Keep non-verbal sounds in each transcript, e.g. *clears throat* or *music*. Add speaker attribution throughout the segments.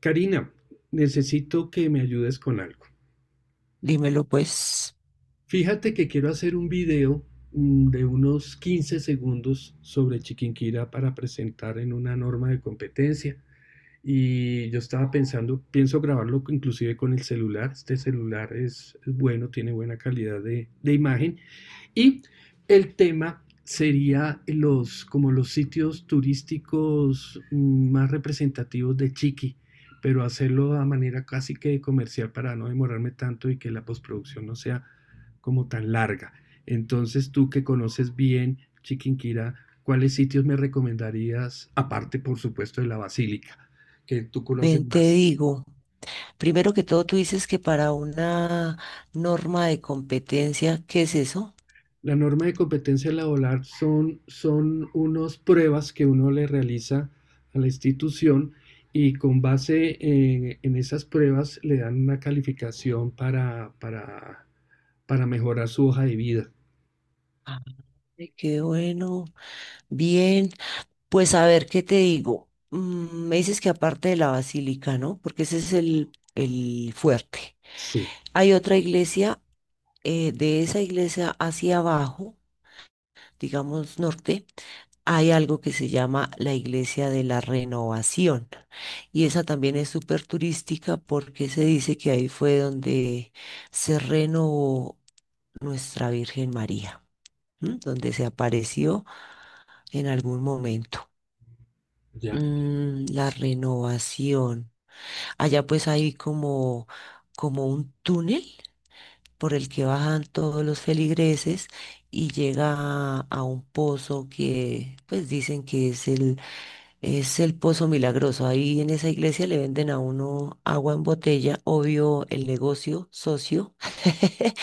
Speaker 1: Karina, necesito que me ayudes con algo.
Speaker 2: Dímelo pues,
Speaker 1: Fíjate que quiero hacer un video de unos 15 segundos sobre Chiquinquirá para presentar en una norma de competencia. Y yo estaba pensando, pienso grabarlo inclusive con el celular. Este celular es bueno, tiene buena calidad de imagen. Y el tema sería como los sitios turísticos más representativos de Chiqui, pero hacerlo a manera casi que comercial para no demorarme tanto y que la postproducción no sea como tan larga. Entonces tú que conoces bien Chiquinquirá, ¿cuáles sitios me recomendarías, aparte por supuesto de la Basílica, que tú conoces
Speaker 2: ven, te
Speaker 1: más?
Speaker 2: digo. Primero que todo, tú dices que para una norma de competencia, ¿qué es eso?
Speaker 1: La norma de competencia laboral son unas pruebas que uno le realiza a la institución y con base en esas pruebas le dan una calificación para mejorar su hoja de vida.
Speaker 2: Ay, qué bueno, bien. Pues a ver, ¿qué te digo? Mm, me dices que aparte de la basílica, ¿no? Porque ese es el fuerte.
Speaker 1: Sí,
Speaker 2: Hay otra iglesia, de esa iglesia hacia abajo, digamos norte. Hay algo que se llama la Iglesia de la Renovación y esa también es súper turística porque se dice que ahí fue donde se renovó nuestra Virgen María, ¿m? Donde se apareció en algún momento.
Speaker 1: ya.
Speaker 2: Mm, la renovación. Allá pues hay como, como un túnel por el que bajan todos los feligreses y llega a un pozo que pues dicen que es el Es el Pozo Milagroso. Ahí en esa iglesia le venden a uno agua en botella, obvio el negocio, socio. *laughs*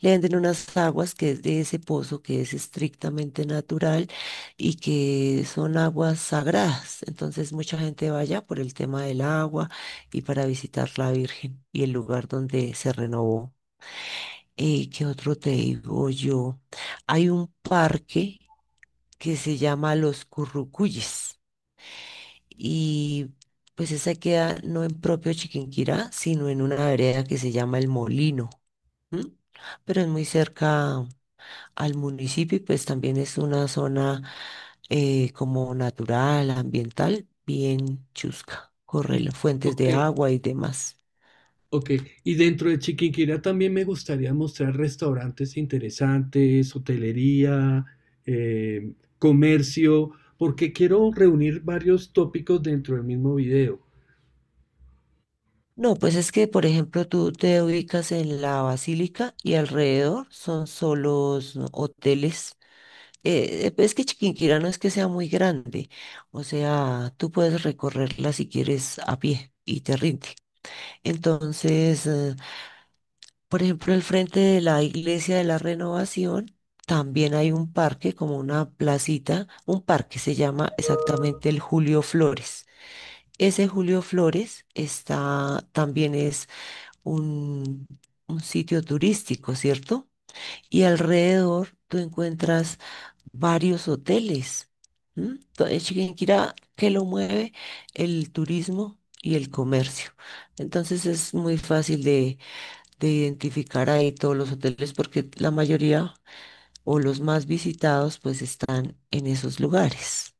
Speaker 2: Le venden unas aguas que es de ese pozo, que es estrictamente natural y que son aguas sagradas. Entonces mucha gente va allá por el tema del agua y para visitar la Virgen y el lugar donde se renovó. ¿Qué otro te digo yo? Hay un parque que se llama Los Currucuyes y pues esa queda no en propio Chiquinquirá, sino en una vereda que se llama El Molino, ¿m? Pero es muy cerca al municipio y pues también es una zona como natural, ambiental, bien chusca, corre
Speaker 1: Y,
Speaker 2: las fuentes
Speaker 1: ok,
Speaker 2: de agua y demás.
Speaker 1: ok. Y dentro de Chiquinquirá también me gustaría mostrar restaurantes interesantes, hotelería, comercio, porque quiero reunir varios tópicos dentro del mismo video.
Speaker 2: No, pues es que, por ejemplo, tú te ubicas en la Basílica y alrededor son solos hoteles. Es que Chiquinquirá no es que sea muy grande, o sea, tú puedes recorrerla si quieres a pie y te rinde. Entonces, por ejemplo, al frente de la Iglesia de la Renovación también hay un parque, como una placita, un parque se llama exactamente el Julio Flores. Ese Julio Flores está, también es un, un sitio turístico, ¿cierto? Y alrededor tú encuentras varios hoteles. ¿M? Chiquinquirá, ¿que lo mueve? El turismo y el comercio. Entonces es muy fácil de identificar ahí todos los hoteles porque la mayoría o los más visitados pues están en esos lugares.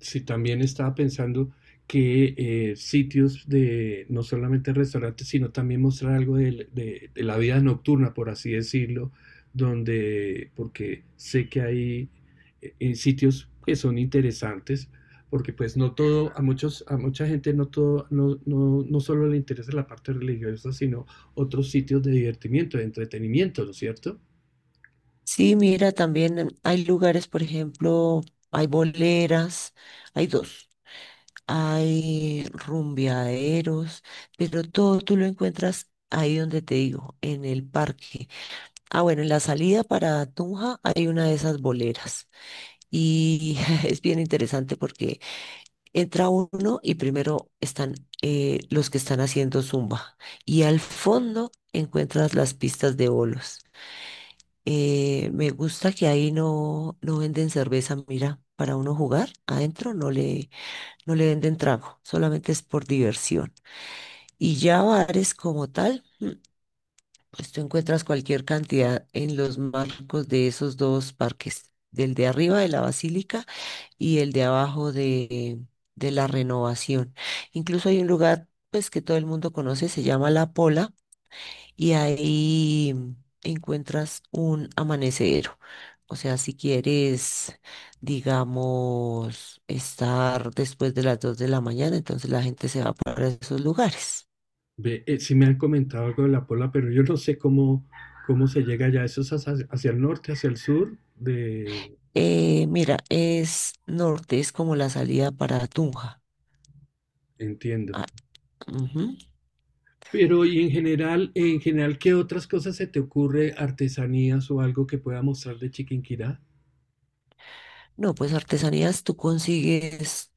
Speaker 1: Sí, también estaba pensando que sitios de no solamente restaurantes, sino también mostrar algo de la vida nocturna, por así decirlo, donde, porque sé que hay sitios que son interesantes, porque pues no todo, a muchos, a mucha gente no todo, no solo le interesa la parte religiosa, sino otros sitios de divertimiento, de entretenimiento, ¿no es cierto?
Speaker 2: Sí, mira, también hay lugares, por ejemplo, hay boleras, hay dos, hay rumbeaderos, pero todo tú lo encuentras ahí donde te digo, en el parque. Ah, bueno, en la salida para Tunja hay una de esas boleras y *laughs* es bien interesante porque entra uno y primero están los que están haciendo zumba y al fondo encuentras las pistas de bolos. Me gusta que ahí no, no venden cerveza, mira, para uno jugar adentro no le venden trago, solamente es por diversión. Y ya bares como tal. Pues tú encuentras cualquier cantidad en los marcos de esos dos parques, del de arriba de la Basílica y el de abajo de la Renovación. Incluso hay un lugar pues que todo el mundo conoce, se llama La Pola, y ahí encuentras un amanecedero. O sea, si quieres, digamos, estar después de las 2 de la mañana, entonces la gente se va para esos lugares.
Speaker 1: Ve, sí me han comentado algo de la Pola, pero yo no sé cómo se llega allá. Eso es hacia el norte, hacia el sur, de…
Speaker 2: Mira, es norte, es como la salida para Tunja.
Speaker 1: Entiendo.
Speaker 2: Ah, ujú.
Speaker 1: Pero y en general, ¿qué otras cosas se te ocurre, artesanías o algo que pueda mostrar de Chiquinquirá?
Speaker 2: No, pues artesanías tú consigues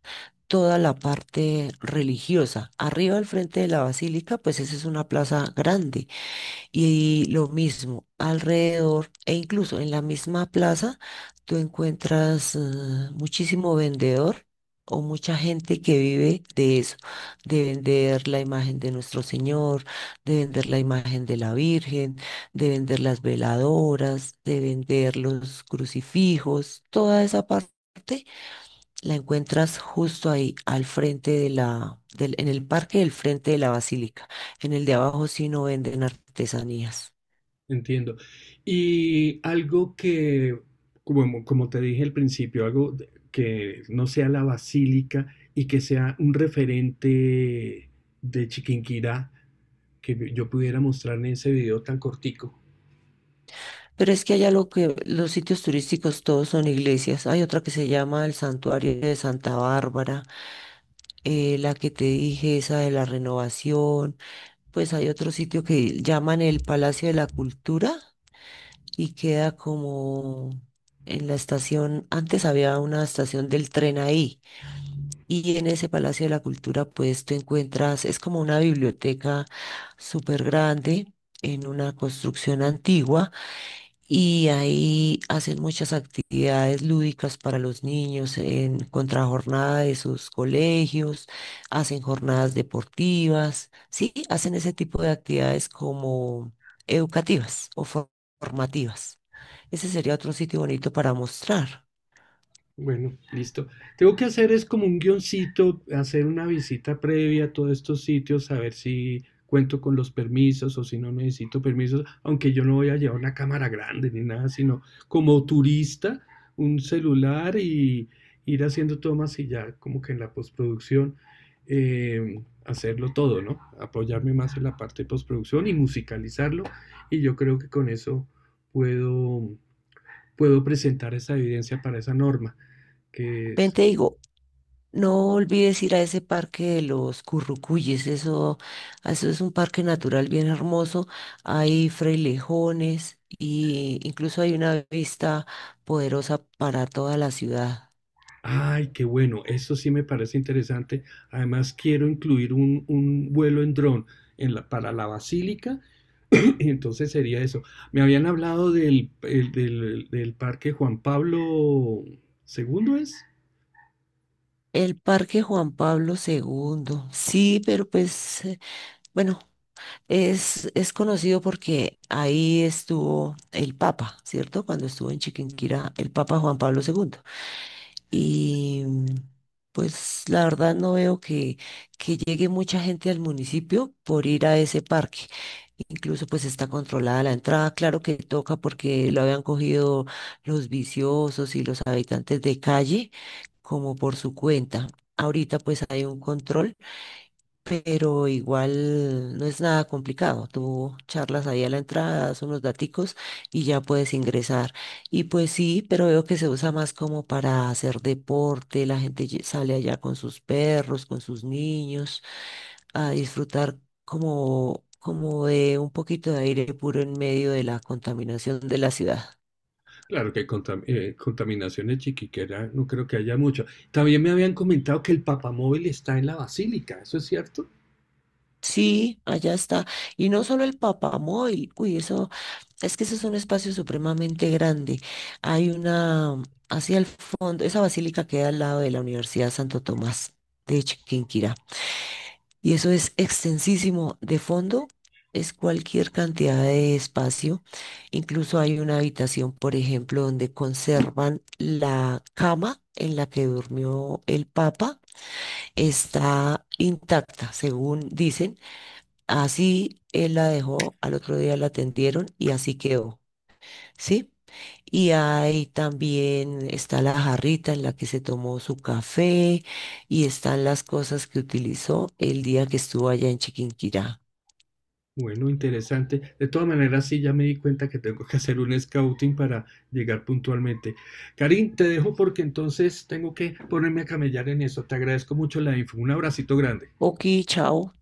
Speaker 2: toda la parte religiosa. Arriba al frente de la basílica, pues esa es una plaza grande. Y lo mismo, alrededor e incluso en la misma plaza, tú encuentras muchísimo vendedor o mucha gente que vive de eso, de vender la imagen de nuestro Señor, de vender la imagen de la Virgen, de vender las veladoras, de vender los crucifijos, toda esa parte la encuentras justo ahí, al frente de en el parque del frente de la basílica. En el de abajo sí no venden artesanías.
Speaker 1: Entiendo. Y algo que, como, como te dije al principio, algo que no sea la basílica y que sea un referente de Chiquinquirá que yo pudiera mostrar en ese video tan cortico.
Speaker 2: Pero es que allá lo que los sitios turísticos todos son iglesias. Hay otra que se llama el Santuario de Santa Bárbara, la que te dije, esa de la Renovación. Pues hay otro sitio que llaman el Palacio de la Cultura y queda como en la estación. Antes había una estación del tren ahí y en ese Palacio de la Cultura pues tú encuentras, es como una biblioteca súper grande en una construcción antigua y ahí hacen muchas actividades lúdicas para los niños en contrajornada de sus colegios, hacen jornadas deportivas, sí, hacen ese tipo de actividades como educativas o formativas. Ese sería otro sitio bonito para mostrar.
Speaker 1: Bueno, listo. Tengo que hacer es como un guioncito, hacer una visita previa a todos estos sitios, a ver si cuento con los permisos o si no necesito permisos, aunque yo no voy a llevar una cámara grande ni nada, sino como turista, un celular y ir haciendo tomas y ya como que en la postproducción hacerlo todo, ¿no? Apoyarme más en la parte de postproducción y musicalizarlo y yo creo que con eso puedo, puedo presentar esa evidencia para esa norma que
Speaker 2: Ven,
Speaker 1: es,
Speaker 2: te digo, no olvides ir a ese parque de los Currucuyes, eso es un parque natural bien hermoso. Hay frailejones y incluso hay una vista poderosa para toda la ciudad.
Speaker 1: ay, qué bueno, eso sí me parece interesante. Además, quiero incluir un vuelo en dron para la basílica, *clears throat* y entonces sería eso. Me habían hablado del parque Juan Pablo II ¿es?
Speaker 2: El Parque Juan Pablo II, sí, pero pues, bueno, es conocido porque ahí estuvo el Papa, ¿cierto? Cuando estuvo en Chiquinquirá el Papa Juan Pablo II. Y pues la verdad no veo que llegue mucha gente al municipio por ir a ese parque. Incluso pues está controlada la entrada, claro que toca porque lo habían cogido los viciosos y los habitantes de calle como por su cuenta. Ahorita pues hay un control pero igual no es nada complicado. Tú charlas ahí a la entrada, das unos daticos y ya puedes ingresar. Y pues sí, pero veo que se usa más como para hacer deporte, la gente sale allá con sus perros, con sus niños, a disfrutar como, como de un poquito de aire puro en medio de la contaminación de la ciudad.
Speaker 1: Claro que contaminación de Chiquiquera no creo que haya mucho. También me habían comentado que el papamóvil está en la basílica, ¿eso es cierto?
Speaker 2: Sí, allá está. Y no solo el Papamóvil, uy, eso, es que eso es un espacio supremamente grande. Hay una, hacia el fondo, esa basílica queda al lado de la Universidad Santo Tomás de Chiquinquirá. Y eso es extensísimo. De fondo es cualquier cantidad de espacio. Incluso hay una habitación, por ejemplo, donde conservan la cama en la que durmió el Papa. Está intacta, según dicen. Así él la dejó, al otro día la atendieron y así quedó, ¿sí? Y ahí también está la jarrita en la que se tomó su café y están las cosas que utilizó el día que estuvo allá en Chiquinquirá.
Speaker 1: Bueno, interesante. De todas maneras, sí, ya me di cuenta que tengo que hacer un scouting para llegar puntualmente. Karin, te dejo porque entonces tengo que ponerme a camellar en eso. Te agradezco mucho la info. Un abracito grande.
Speaker 2: Ok, chao.